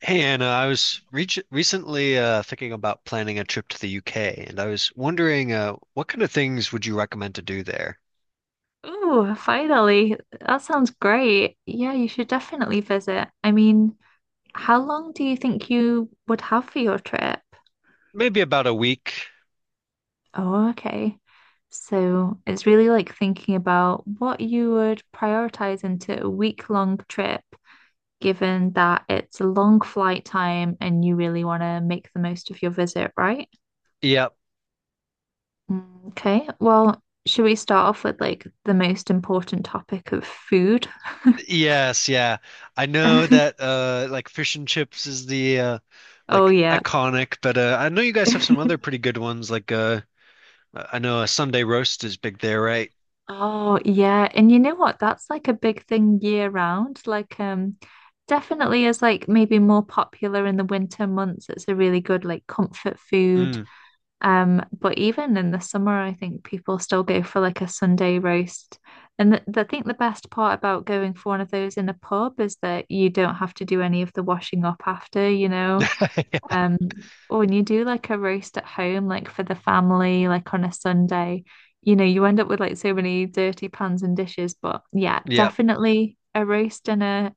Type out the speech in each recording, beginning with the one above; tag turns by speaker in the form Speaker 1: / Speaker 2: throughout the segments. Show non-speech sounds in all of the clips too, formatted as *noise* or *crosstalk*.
Speaker 1: Hey Anna, I was re recently thinking about planning a trip to the UK, and I was wondering what kind of things would you recommend to do there?
Speaker 2: Ooh, finally. That sounds great. Yeah, you should definitely visit. I mean, how long do you think you would have for your trip?
Speaker 1: Maybe about a week.
Speaker 2: Oh, okay. So it's really like thinking about what you would prioritize into a week-long trip, given that it's a long flight time and you really want to make the most of your visit, right?
Speaker 1: Yep.
Speaker 2: Okay, well, should we start off with like the most important topic of food?
Speaker 1: Yes, yeah. I know
Speaker 2: *laughs*
Speaker 1: that like fish and chips is the
Speaker 2: Oh,
Speaker 1: like
Speaker 2: yeah.
Speaker 1: iconic, but I know you guys have some other
Speaker 2: *laughs*
Speaker 1: pretty good ones. Like I know a Sunday roast is big there, right?
Speaker 2: Oh, yeah. And you know what? That's like a big thing year round. Definitely is like maybe more popular in the winter months. It's a really good like comfort food.
Speaker 1: Mm.
Speaker 2: But even in the summer, I think people still go for like a Sunday roast. And th I think the best part about going for one of those in a pub is that you don't have to do any of the washing up after, you know.
Speaker 1: *laughs*
Speaker 2: Um, or when you do like a roast at home, like for the family, like on a Sunday, you know, you end up with like so many dirty pans and dishes. But yeah,
Speaker 1: Yeah.
Speaker 2: definitely a roast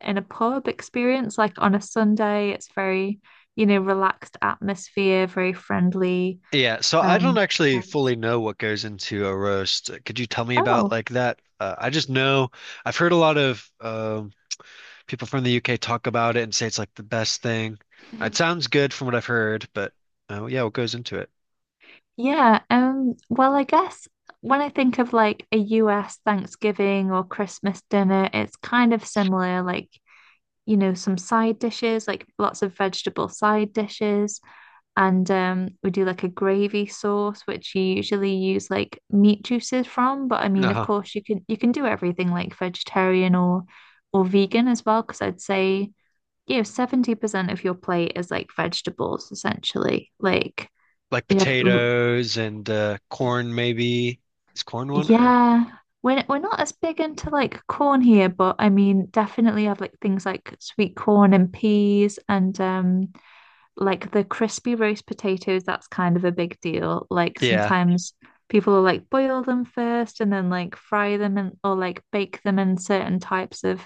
Speaker 2: in a pub experience, like on a Sunday, it's very, you know, relaxed atmosphere, very friendly.
Speaker 1: Yeah, so I don't
Speaker 2: Um,
Speaker 1: actually fully
Speaker 2: Vibes.
Speaker 1: know what goes into a roast. Could you tell me about
Speaker 2: Oh,
Speaker 1: like that? I just know I've heard a lot of people from the UK talk about it and say it's like the best thing. It sounds good from what I've heard, but yeah, what goes into it?
Speaker 2: yeah. Well, I guess when I think of like a US Thanksgiving or Christmas dinner, it's kind of similar. Like you know, some side dishes, like lots of vegetable side dishes. And we do like a gravy sauce, which you usually use like meat juices from. But I mean, of
Speaker 1: Uh-huh.
Speaker 2: course, you can do everything like vegetarian or vegan as well, because I'd say, you know, 70% of your plate is like vegetables essentially. Like
Speaker 1: Like
Speaker 2: we have,
Speaker 1: potatoes and corn, maybe. Is corn one or?
Speaker 2: yeah. We're not as big into like corn here, but I mean, definitely have like things like sweet corn and peas and like the crispy roast potatoes, that's kind of a big deal. Like
Speaker 1: Yeah.
Speaker 2: sometimes people will like boil them first and then like fry them and or like bake them in certain types of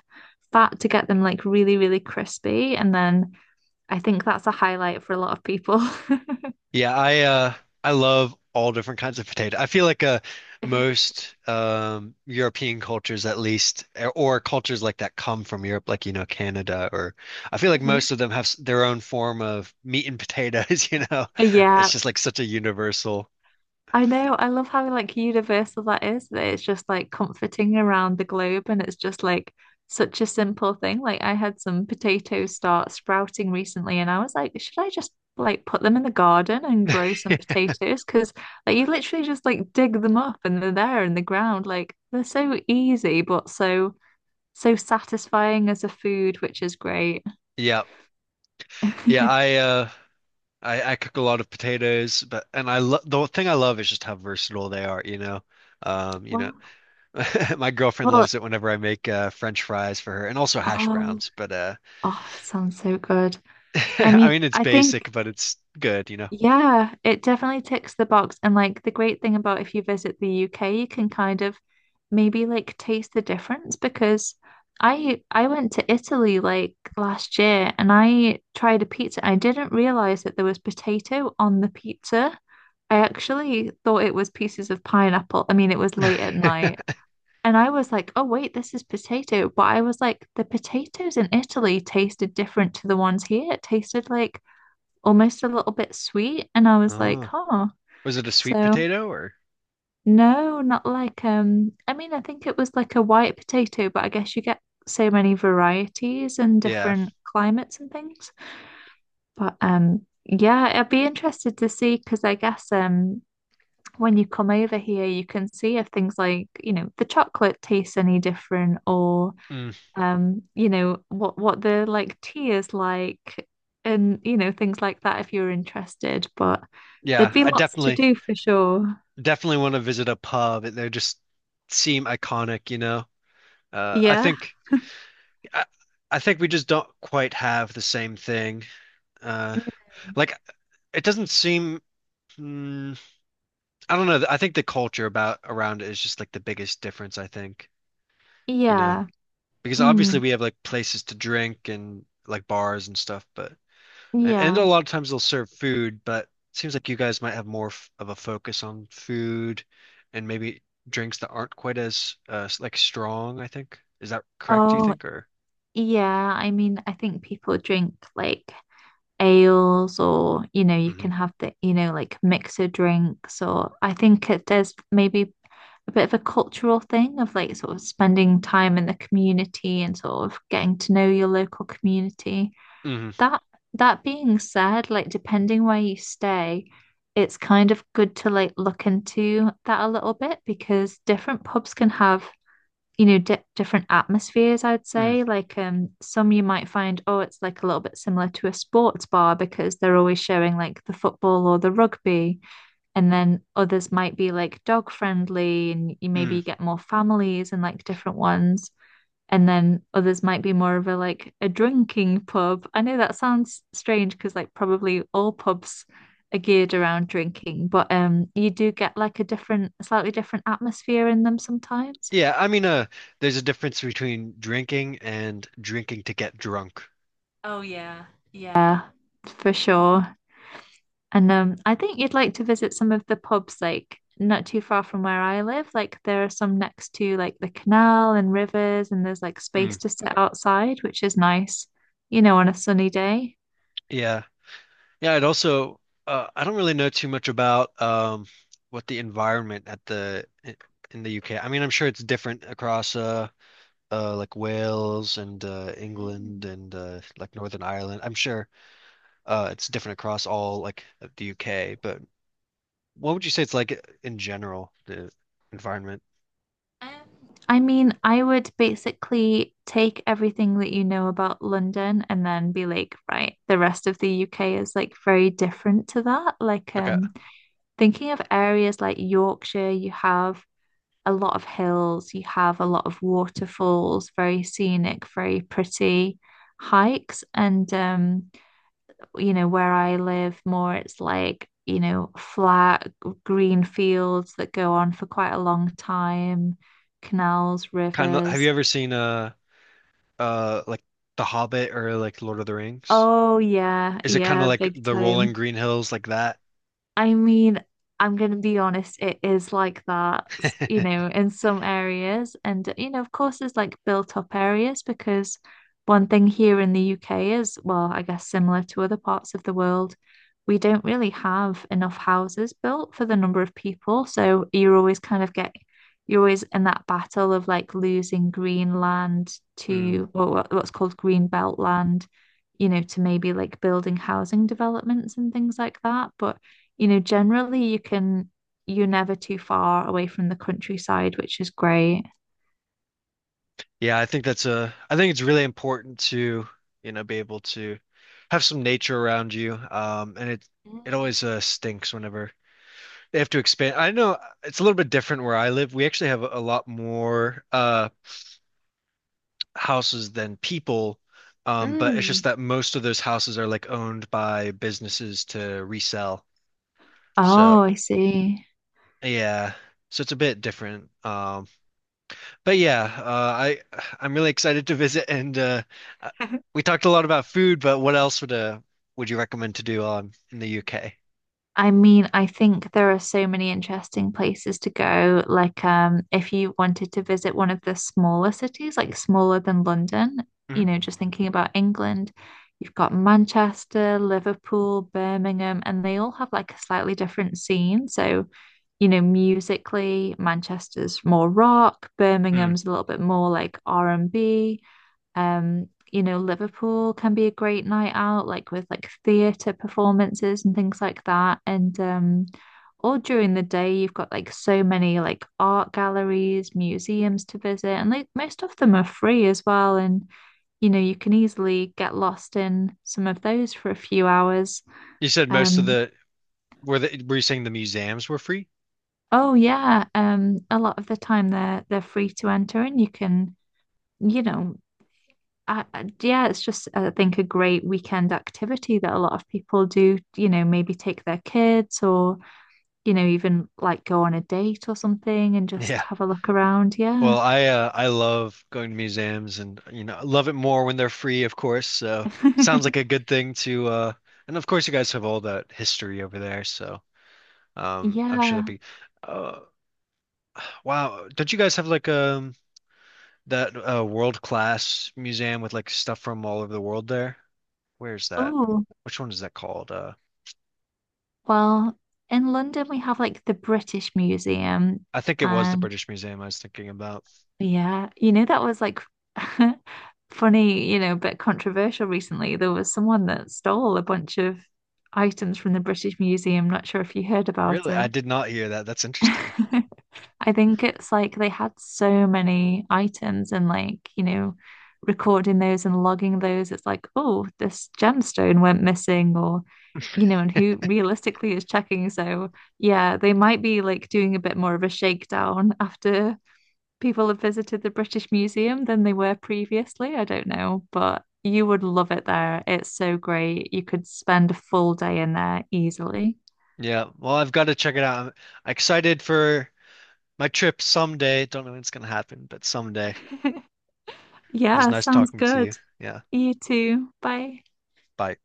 Speaker 2: fat to get them like really, really crispy. And then I think that's a highlight for a lot of people. *laughs*
Speaker 1: Yeah, I love all different kinds of potato. I feel like most European cultures at least or cultures like that come from Europe like you know Canada or I feel like
Speaker 2: Mhm.
Speaker 1: most of them their own form of meat and potatoes, *laughs* you know. It's
Speaker 2: Yeah,
Speaker 1: just like such a universal.
Speaker 2: I know. I love how like universal that is, that it's just like comforting around the globe and it's just like such a simple thing. Like I had some potatoes start sprouting recently and I was like, should I just like put them in the garden and grow some potatoes? Because like you literally just like dig them up and they're there in the ground. Like they're so easy but so so satisfying as a food, which is great.
Speaker 1: Yeah. Yeah,
Speaker 2: *laughs*
Speaker 1: I uh I I cook a lot of potatoes, but and I love the thing I love is just how versatile they are, you know. Um, you know,
Speaker 2: Wow.
Speaker 1: *laughs* my girlfriend
Speaker 2: Well,
Speaker 1: loves it whenever I make French fries for her and also hash
Speaker 2: oh,
Speaker 1: browns, but
Speaker 2: oh, sounds so good. I
Speaker 1: *laughs* I
Speaker 2: mean,
Speaker 1: mean, it's
Speaker 2: I think
Speaker 1: basic, but it's good, you know.
Speaker 2: yeah, it definitely ticks the box. And like the great thing about if you visit the UK, you can kind of maybe like taste the difference because I went to Italy like last year and I tried a pizza. I didn't realize that there was potato on the pizza. I actually thought it was pieces of pineapple. I mean, it was late at
Speaker 1: *laughs*
Speaker 2: night. And I was like, oh, wait, this is potato. But I was like, the potatoes in Italy tasted different to the ones here. It tasted like almost a little bit sweet. And I was like,
Speaker 1: Oh,
Speaker 2: huh.
Speaker 1: was it a sweet
Speaker 2: So
Speaker 1: potato or?
Speaker 2: no, not like I mean I think it was like a white potato, but I guess you get so many varieties and
Speaker 1: Yeah.
Speaker 2: different climates and things. But yeah, I'd be interested to see because I guess when you come over here you can see if things like, you know, the chocolate tastes any different or
Speaker 1: Mm,
Speaker 2: you know, what the like tea is like and you know, things like that if you're interested. But there'd
Speaker 1: yeah,
Speaker 2: be
Speaker 1: I
Speaker 2: lots to do for sure.
Speaker 1: definitely want to visit a pub. They just seem iconic, you know. I
Speaker 2: Yeah.
Speaker 1: think I, I think we just don't quite have the same thing. Uh,
Speaker 2: Mm.
Speaker 1: like it doesn't seem mm, I don't know. I think the culture about around it is just like the biggest difference, I think, you know.
Speaker 2: Yeah.
Speaker 1: Because obviously
Speaker 2: Mm.
Speaker 1: we have like places to drink and like bars and stuff, but and a
Speaker 2: Yeah.
Speaker 1: lot of times they'll serve food, but it seems like you guys might have more f of a focus on food and maybe drinks that aren't quite as like strong, I think. Is that correct, do you
Speaker 2: Oh,
Speaker 1: think, or?
Speaker 2: yeah. I mean, I think people drink like ales or, you know, you
Speaker 1: Hmm.
Speaker 2: can have the, you know, like mixer drinks or I think it, there's maybe a bit of a cultural thing of like sort of spending time in the community and sort of getting to know your local community.
Speaker 1: Hmm.
Speaker 2: That that being said, like depending where you stay, it's kind of good to like look into that a little bit because different pubs can have, you know, di different atmospheres, I'd
Speaker 1: Mm.
Speaker 2: say. Like some you might find, oh, it's like a little bit similar to a sports bar because they're always showing like the football or the rugby and then others might be like dog friendly, and you
Speaker 1: Mm.
Speaker 2: maybe get more families and like different ones. And then others might be more of a like a drinking pub. I know that sounds strange because like probably all pubs are geared around drinking, but you do get like a different, slightly different atmosphere in them sometimes.
Speaker 1: Yeah, I mean, there's a difference between drinking and drinking to get drunk.
Speaker 2: Oh yeah, yeah. Yeah, for sure. And I think you'd like to visit some of the pubs, like not too far from where I live. Like there are some next to like the canal and rivers, and there's like
Speaker 1: Mm.
Speaker 2: space to sit outside, which is nice, you know, on a sunny day.
Speaker 1: Yeah. Yeah, I'd also I don't really know too much about what the environment at the in the UK. I mean, I'm sure it's different across like Wales and England
Speaker 2: Mm.
Speaker 1: and like Northern Ireland. I'm sure it's different across all like of the UK, but what would you say it's like in general, the environment?
Speaker 2: Um, I mean, I would basically take everything that you know about London and then be like, right, the rest of the UK is like very different to that.
Speaker 1: Okay.
Speaker 2: Thinking of areas like Yorkshire, you have a lot of hills, you have a lot of waterfalls, very scenic, very pretty hikes. You know, where I live more, it's like, you know, flat green fields that go on for quite a long time, canals,
Speaker 1: Kind of have
Speaker 2: rivers.
Speaker 1: you ever seen like The Hobbit or like Lord of the Rings?
Speaker 2: Oh, yeah,
Speaker 1: Is it kind of
Speaker 2: yeah,
Speaker 1: like
Speaker 2: big
Speaker 1: the rolling
Speaker 2: time.
Speaker 1: green hills like that?
Speaker 2: I mean, I'm going to be honest, it is like that, you
Speaker 1: *laughs*
Speaker 2: know, in some areas. And, you know, of course, there's like built up areas because one thing here in the UK is, well, I guess similar to other parts of the world, we don't really have enough houses built for the number of people. So you're always kind of get, you're always in that battle of like losing green land
Speaker 1: Mm.
Speaker 2: to or what's called green belt land, you know, to maybe like building housing developments and things like that. But you know, generally you can, you're never too far away from the countryside, which is great.
Speaker 1: Yeah, I think that's a I think it's really important to, you know, be able to have some nature around you. Um, and it always stinks whenever they have to expand. I know it's a little bit different where I live. We actually have a lot more houses than people. But it's just
Speaker 2: Mm.
Speaker 1: that most of those houses are like owned by businesses to resell. So
Speaker 2: Oh, I see.
Speaker 1: yeah. So it's a bit different. But yeah, I'm really excited to visit and uh, we talked a lot about food, but what else would you recommend to do in the UK?
Speaker 2: I mean, I think there are so many interesting places to go. If you wanted to visit one of the smaller cities, like smaller than London,
Speaker 1: Mhm.
Speaker 2: you know, just thinking about England, you've got Manchester, Liverpool, Birmingham, and they all have like a slightly different scene. So, you know, musically, Manchester's more rock,
Speaker 1: Mm.
Speaker 2: Birmingham's a little bit more like R&B. You know, Liverpool can be a great night out, like with like theatre performances and things like that. And all during the day, you've got like so many like art galleries, museums to visit, and like most of them are free as well. And you know, you can easily get lost in some of those for a few hours.
Speaker 1: You said most of
Speaker 2: Um,
Speaker 1: the Were you saying the museums were free?
Speaker 2: oh yeah, a lot of the time they're free to enter, and you can, you know, yeah, it's just, I think, a great weekend activity that a lot of people do, you know, maybe take their kids or, you know, even like go on a date or something and just
Speaker 1: Yeah.
Speaker 2: have a look around. Yeah.
Speaker 1: Well, I love going to museums and you know, I love it more when they're free, of course. So sounds like a
Speaker 2: *laughs*
Speaker 1: good thing to and of course you guys have all that history over there, so I'm sure that'd
Speaker 2: Yeah.
Speaker 1: be uh wow, don't you guys have like that world-class museum with like stuff from all over the world there? Where's that?
Speaker 2: Oh,
Speaker 1: Which one is that called?
Speaker 2: well, in London, we have like the British Museum.
Speaker 1: I think it was the
Speaker 2: And
Speaker 1: British Museum I was thinking about.
Speaker 2: yeah, you know, that was like *laughs* funny, you know, but controversial recently. There was someone that stole a bunch of items from the British Museum. Not sure if you heard about
Speaker 1: Really? I
Speaker 2: it.
Speaker 1: did not hear that. That's
Speaker 2: *laughs*
Speaker 1: interesting.
Speaker 2: I think it's like they had so many items and like, you know, recording those and logging those. It's like, oh, this gemstone went missing or, you know, and who realistically is checking. So yeah, they might be like doing a bit more of a shakedown *laughs* after people have visited the British Museum than they were previously. I don't know, but you would love it there. It's so great. You could spend a full day in there easily.
Speaker 1: Yeah. Well, I've got to check it out. I'm excited for my trip someday. Don't know when it's gonna happen, but someday. It
Speaker 2: *laughs*
Speaker 1: was
Speaker 2: Yeah,
Speaker 1: nice
Speaker 2: sounds
Speaker 1: talking to
Speaker 2: good.
Speaker 1: you. Yeah.
Speaker 2: You too. Bye.
Speaker 1: Bye.